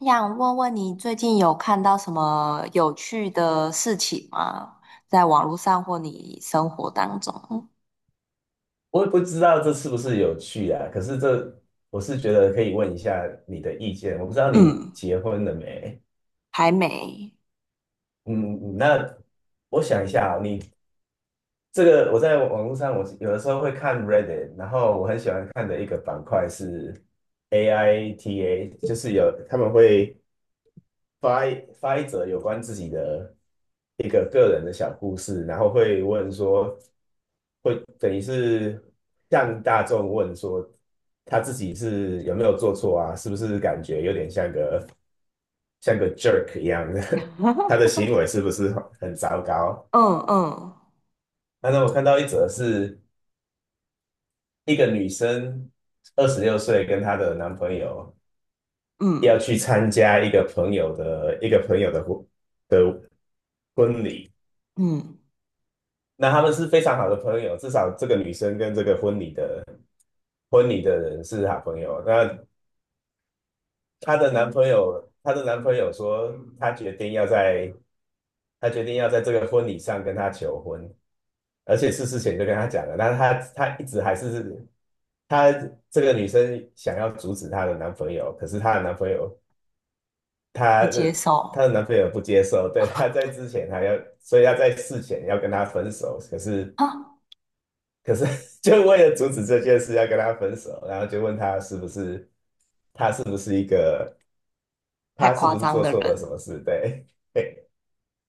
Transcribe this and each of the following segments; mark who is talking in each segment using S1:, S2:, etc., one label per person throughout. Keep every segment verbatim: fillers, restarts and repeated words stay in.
S1: 想问问你最近有看到什么有趣的事情吗？在网络上或你生活当中？
S2: 我也不知道这是不是有趣啊，可是这我是觉得可以问一下你的意见。我不知道你
S1: 嗯，
S2: 结婚了没？
S1: 还没。
S2: 嗯，那我想一下啊，你这个我在网络上，我有的时候会看 Reddit，然后我很喜欢看的一个板块是 A I T A，就是有他们会发一发一则有关自己的一个个人的小故事，然后会问说。会等于是向大众问说，他自己是有没有做错啊？是不是感觉有点像个像个 jerk 一样的？他的行为 是不是很糟糕？
S1: 嗯嗯
S2: 那那我看到一则是一个女生二十六岁，跟她的男朋友要
S1: 嗯
S2: 去参加一个朋友的一个朋友的婚的婚礼。
S1: 嗯，
S2: 那他们是非常好的朋友，至少这个女生跟这个婚礼的婚礼的人是好朋友。那她的男朋友，她的男朋友说，他决定要在，他决定要在这个婚礼上跟她求婚，而且是事前就跟她讲了，但是她她一直还是她这个女生想要阻止她的男朋友，可是她的男朋友，
S1: 不
S2: 她
S1: 接
S2: 的她的
S1: 受
S2: 男朋友不接受，对，她在之前还要，所以要在事前要跟她分手，可是
S1: 啊，
S2: 可是 就为了阻止这件事要跟她分手，然后就问她是不是，她是不是一个，
S1: 太
S2: 她是
S1: 夸
S2: 不是
S1: 张
S2: 做
S1: 的
S2: 错了什
S1: 人。
S2: 么事，对。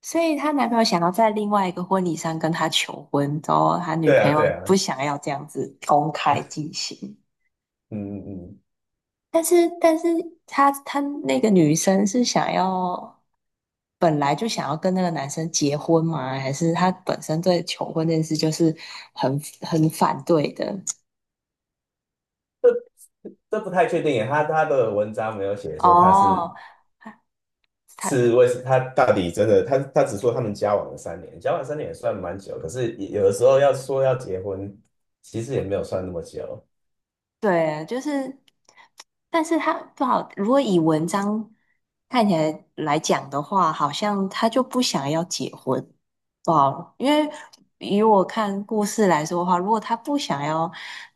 S1: 所以她男朋友想要在另外一个婚礼上跟她求婚，然后她女
S2: 对
S1: 朋
S2: 啊，对
S1: 友
S2: 啊，
S1: 不想要这样子公开进行。
S2: 嗯嗯嗯，
S1: 但是，但是她她那个女生是想要，本来就想要跟那个男生结婚吗？还是她本身对求婚这件事就是很很反对的？
S2: 这这不太确定耶，他他的文章没有写说他是
S1: 哦，她她
S2: 是为他到底真的，他他只说他们交往了三年，交往三年也算蛮久，可是也有的时候要说要结婚，其实也没有算那么久。
S1: 对，就是，但是它不好。如果以文章看起来来讲的话，好像他就不想要结婚，不好。因为以我看故事来说的话，如果他不想要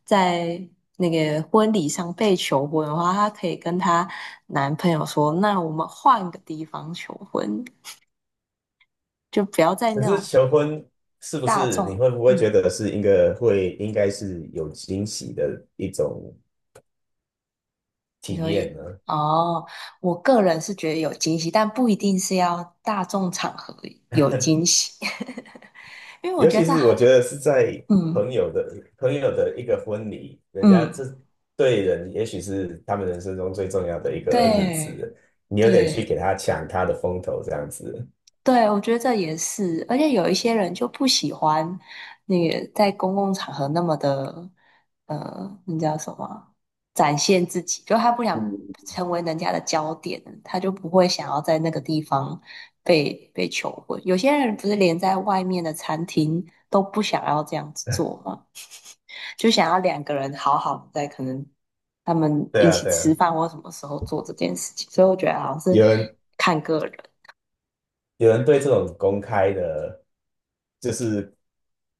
S1: 在那个婚礼上被求婚的话，她可以跟她男朋友说：“那我们换个地方求婚，就不要在
S2: 可
S1: 那
S2: 是
S1: 种
S2: 求婚是不
S1: 大
S2: 是你
S1: 众。”
S2: 会不会觉
S1: 嗯。
S2: 得是一个会应该是有惊喜的一种
S1: 你
S2: 体
S1: 说
S2: 验
S1: 一
S2: 呢？
S1: 哦，我个人是觉得有惊喜，但不一定是要大众场合有惊喜，因为我
S2: 尤
S1: 觉得
S2: 其
S1: 这
S2: 是我
S1: 很，
S2: 觉得是在
S1: 嗯
S2: 朋友的朋友的一个婚礼，人家
S1: 嗯，
S2: 这对人也许是他们人生中最重要的一个日
S1: 对
S2: 子，你有点去给
S1: 对。
S2: 他抢他的风头这样子。
S1: 对，我觉得这也是，而且有一些人就不喜欢那个在公共场合那么的，呃，那叫什么啊展现自己，就他不想
S2: 嗯，
S1: 成为人家的焦点，他就不会想要在那个地方被被求婚。有些人不是连在外面的餐厅都不想要这样子做吗？就想要两个人好好的在可能他们
S2: 对
S1: 一
S2: 啊，
S1: 起
S2: 对
S1: 吃
S2: 啊，
S1: 饭或什么时候做这件事情，所以我觉得好像是
S2: 有人
S1: 看个人。
S2: 有人对这种公开的，就是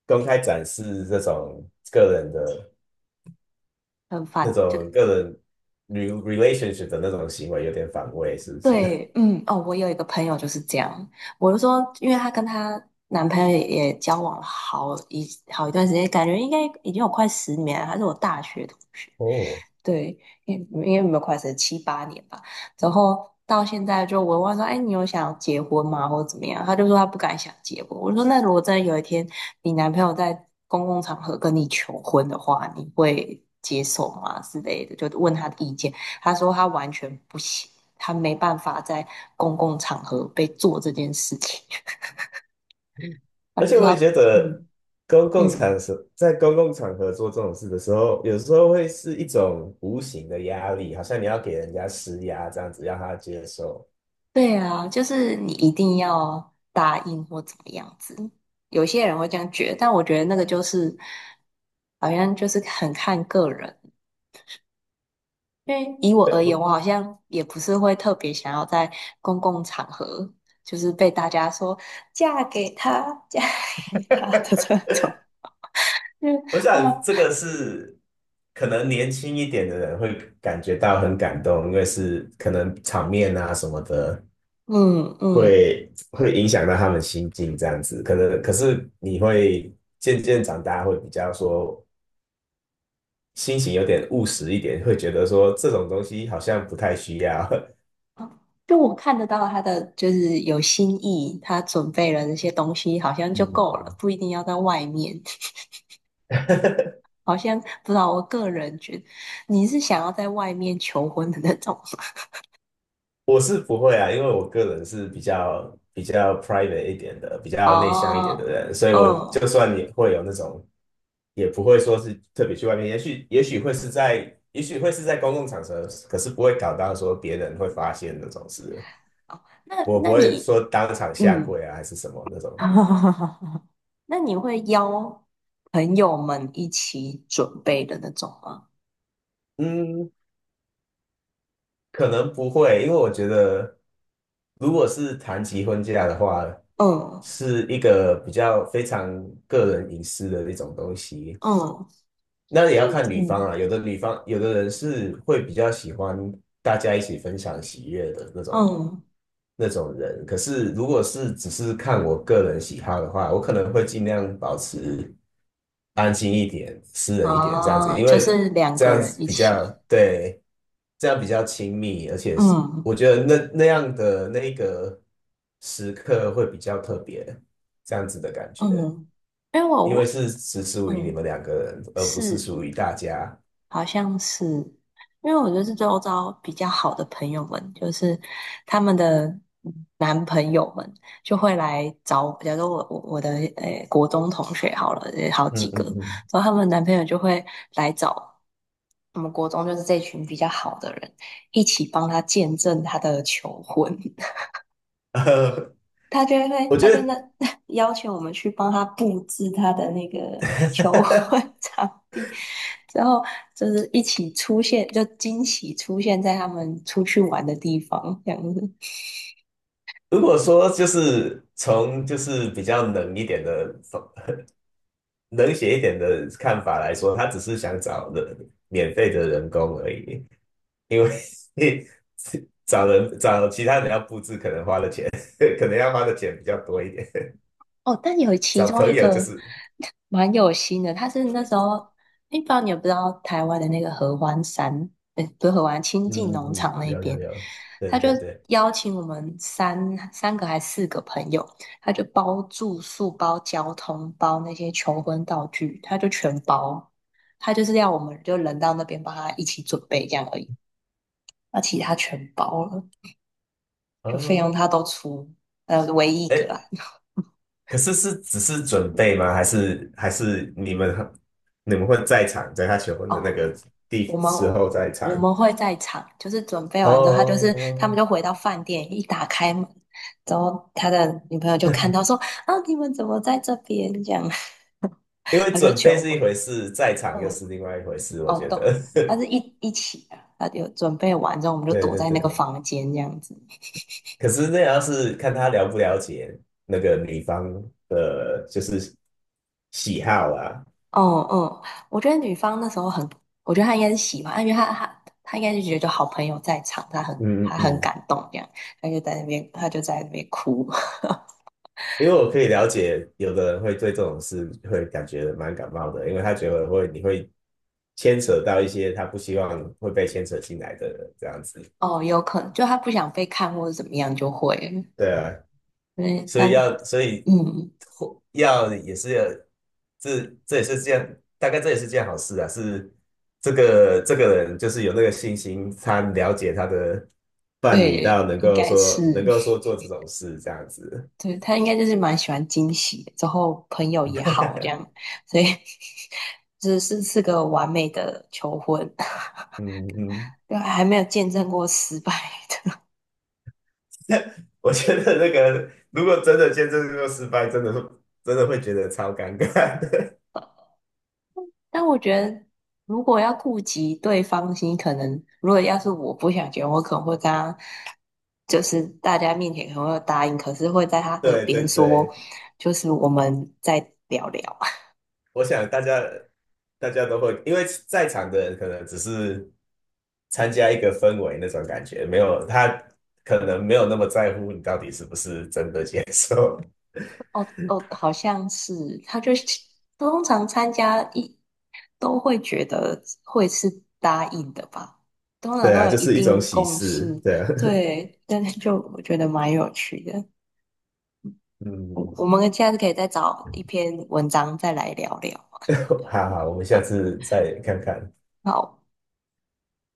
S2: 公开展示这种个人的
S1: 很
S2: 那
S1: 反，就
S2: 种个人 re- l a t i o n s h i p 的那种行为有点反胃，是不是？
S1: 对，嗯，哦，我有一个朋友就是这样，我就说，因为她跟她男朋友也也交往了好一好一段时间，感觉应该已经有快十年了，他是我大学同学，
S2: 哦，
S1: 对，因因为没有快十七八年吧，然后到现在就我问她说，哎，你有想要结婚吗，或者怎么样？他就说他不敢想结婚。我说，那如果真的有一天你男朋友在公共场合跟你求婚的话，你会接受吗？之类的，就问他的意见。他说他完全不行，他没办法在公共场合被做这件事情。他
S2: 而
S1: 就
S2: 且
S1: 说
S2: 我也
S1: 他，
S2: 觉得
S1: 嗯
S2: 公共
S1: 嗯，
S2: 场所在公共场合做这种事的时候，有时候会是一种无形的压力，好像你要给人家施压这样子，让他接受。
S1: 对啊，就是你一定要答应或怎么样子。有些人会这样觉得，但我觉得那个就是好像就是很看个人。因为以我而言，我好像也不是会特别想要在公共场合，就是被大家说嫁给他，嫁给他的这种。就是
S2: 我
S1: 哇，
S2: 想这个是可能年轻一点的人会感觉到很感动，因为是可能场面啊什么的
S1: 嗯嗯，
S2: 会会影响到他们心境这样子。可能可是你会渐渐长大，会比较说心情有点务实一点，会觉得说这种东西好像不太需要。
S1: 就我看得到他的就是有心意，他准备了那些东西，好像就够
S2: 嗯
S1: 了，不一定要在外面。好像不知道，我个人觉得你是想要在外面求婚的那种吗？
S2: 我是不会啊，因为我个人是比较比较 private 一点的，比 较内向一点
S1: 哦，
S2: 的人，所以
S1: 嗯，
S2: 我就
S1: 哦，
S2: 算你会有那种，也不会说是特别去外面，也许也许会是在，也许会是在公共场合，可是不会搞到说别人会发现那种事，
S1: 那
S2: 我不
S1: 那
S2: 会
S1: 你，
S2: 说当场下
S1: 嗯，
S2: 跪啊还是什么那种。
S1: 那你会邀朋友们一起准备的那种吗？
S2: 嗯，可能不会，因为我觉得，如果是谈及婚嫁的话，
S1: 嗯
S2: 是一个比较非常个人隐私的一种东西，
S1: 嗯
S2: 那也要看女方
S1: 嗯
S2: 啊，有的女方，有的人是会比较喜欢大家一起分享喜悦的那种
S1: 嗯，
S2: 那种人。可是如果是只是看我个人喜好的话，我可能会尽量保持安静一点、私人一点这样子，
S1: 哦，
S2: 因
S1: 就
S2: 为
S1: 是两
S2: 这
S1: 个
S2: 样
S1: 人
S2: 子
S1: 一
S2: 比较
S1: 起，
S2: 对，这样比较亲密，而且是
S1: 嗯。
S2: 我觉得那那样的那个时刻会比较特别，这样子的感觉。
S1: 嗯，因为我
S2: 因为
S1: 我
S2: 是只属于你
S1: 嗯
S2: 们两个人，而不是
S1: 是
S2: 属于大家。
S1: 好像是，因为我就是周遭比较好的朋友们，就是他们的男朋友们就会来找我，假如说我我我的诶、国中同学好了，也好几
S2: 嗯
S1: 个，
S2: 嗯嗯，
S1: 然后他们男朋友就会来找我们国中就是这群比较好的人一起帮他见证他的求婚，
S2: 呃，
S1: 他就
S2: 我
S1: 会，他
S2: 觉
S1: 就
S2: 得
S1: 那 要求我们去帮他布置他的那个求婚 场地，之后就是一起出现，就惊喜出现在他们出去玩的地方，这样子。
S2: 如果说就是从就是比较冷一点的、冷血一点的看法来说，他只是想找人免费的人工而已，因为 找人找其他人要布置，可能花的钱 可能要花的钱比较多一点。
S1: 哦，但有其
S2: 找
S1: 中一
S2: 朋友就
S1: 个
S2: 是，
S1: 蛮有心的，他是那时候，诶不知道你有不知道台湾的那个合欢山，呃，不是合欢，清
S2: 嗯
S1: 境
S2: 嗯
S1: 农
S2: 嗯，
S1: 场那
S2: 有有
S1: 边，
S2: 有，
S1: 他
S2: 对
S1: 就
S2: 对对，
S1: 邀请我们三三个还四个朋友，他就包住宿、包交通、包那些求婚道具，他就全包，他就是要我们就人到那边帮他一起准备这样而已，那其他全包了，就费
S2: 哦，
S1: 用他都出，呃，唯一一个
S2: 哎，
S1: 啦。
S2: 可是是只是准备吗？还是还是你们你们会在场，在他求婚的那
S1: 哦，
S2: 个
S1: 我
S2: 地
S1: 们
S2: 时候在场？
S1: 我们会在场，就是准备完之后，他就是他们
S2: 哦，
S1: 就回到饭店，一打开门，然后他的女朋友就看到说：“啊，你们怎么在这边？”这样，
S2: 因为
S1: 他就
S2: 准备
S1: 求
S2: 是一
S1: 婚。
S2: 回事，在场又是另外一回事，我
S1: 哦，
S2: 觉
S1: 都，
S2: 得。
S1: 他是一一起的，他就准备完之后，我们就
S2: 对
S1: 躲
S2: 对
S1: 在
S2: 对，
S1: 那个房间这样子。
S2: 可是那也要是看他了不了解那个女方的，就是喜好啊。
S1: 哦，哦，我觉得女方那时候很，我觉得她应该是喜欢，因为她她她应该是觉得好朋友在场，她很
S2: 嗯嗯
S1: 她很
S2: 嗯。
S1: 感动这样，她就在那边她就在那边哭。
S2: 因为我可以了解，有的人会对这种事会感觉蛮感冒的，因为他觉得会你会牵扯到一些他不希望会被牵扯进来的人这样子。
S1: 哦，有可能就他不想被看或者怎么样就会了，
S2: 对啊，
S1: 对，
S2: 所
S1: 但
S2: 以要所以
S1: 嗯，
S2: 或要也是要这这也是件大概这也是件好事啊。是这个这个人就是有那个信心，他了解他的伴侣到
S1: 对，
S2: 能
S1: 应
S2: 够
S1: 该是，
S2: 说能够说做这种事这样子。
S1: 对，他应该就是蛮喜欢惊喜的之后朋友也好这样，所以 只是是个完美的求婚，
S2: 嗯嗯。
S1: 对，还没有见证过失败的。
S2: 我觉得那个如果真的见证这个失败，真的真的会觉得超尴尬的
S1: 但我觉得，如果要顾及对方心，可能如果要是我不想结婚，我可能会跟他，就是大家面前可能会答应，可是会在他 耳
S2: 对对
S1: 边说，
S2: 对，
S1: 就是我们再聊聊。
S2: 我想大家大家都会，因为在场的人可能只是参加一个氛围那种感觉，没有他可能没有那么在乎你到底是不是真的接受。
S1: 哦哦，好像是，他就通常参加一都会觉得会是答应的吧，通 常
S2: 对
S1: 都
S2: 啊，
S1: 有
S2: 就
S1: 一
S2: 是一种
S1: 定
S2: 喜
S1: 共
S2: 事。
S1: 识。
S2: 对啊，
S1: 对，但是就我觉得蛮有趣的。我我
S2: 嗯，
S1: 们下次可以再找一篇文章再来聊聊。
S2: 好好，我们下
S1: 好，
S2: 次再看看。
S1: 好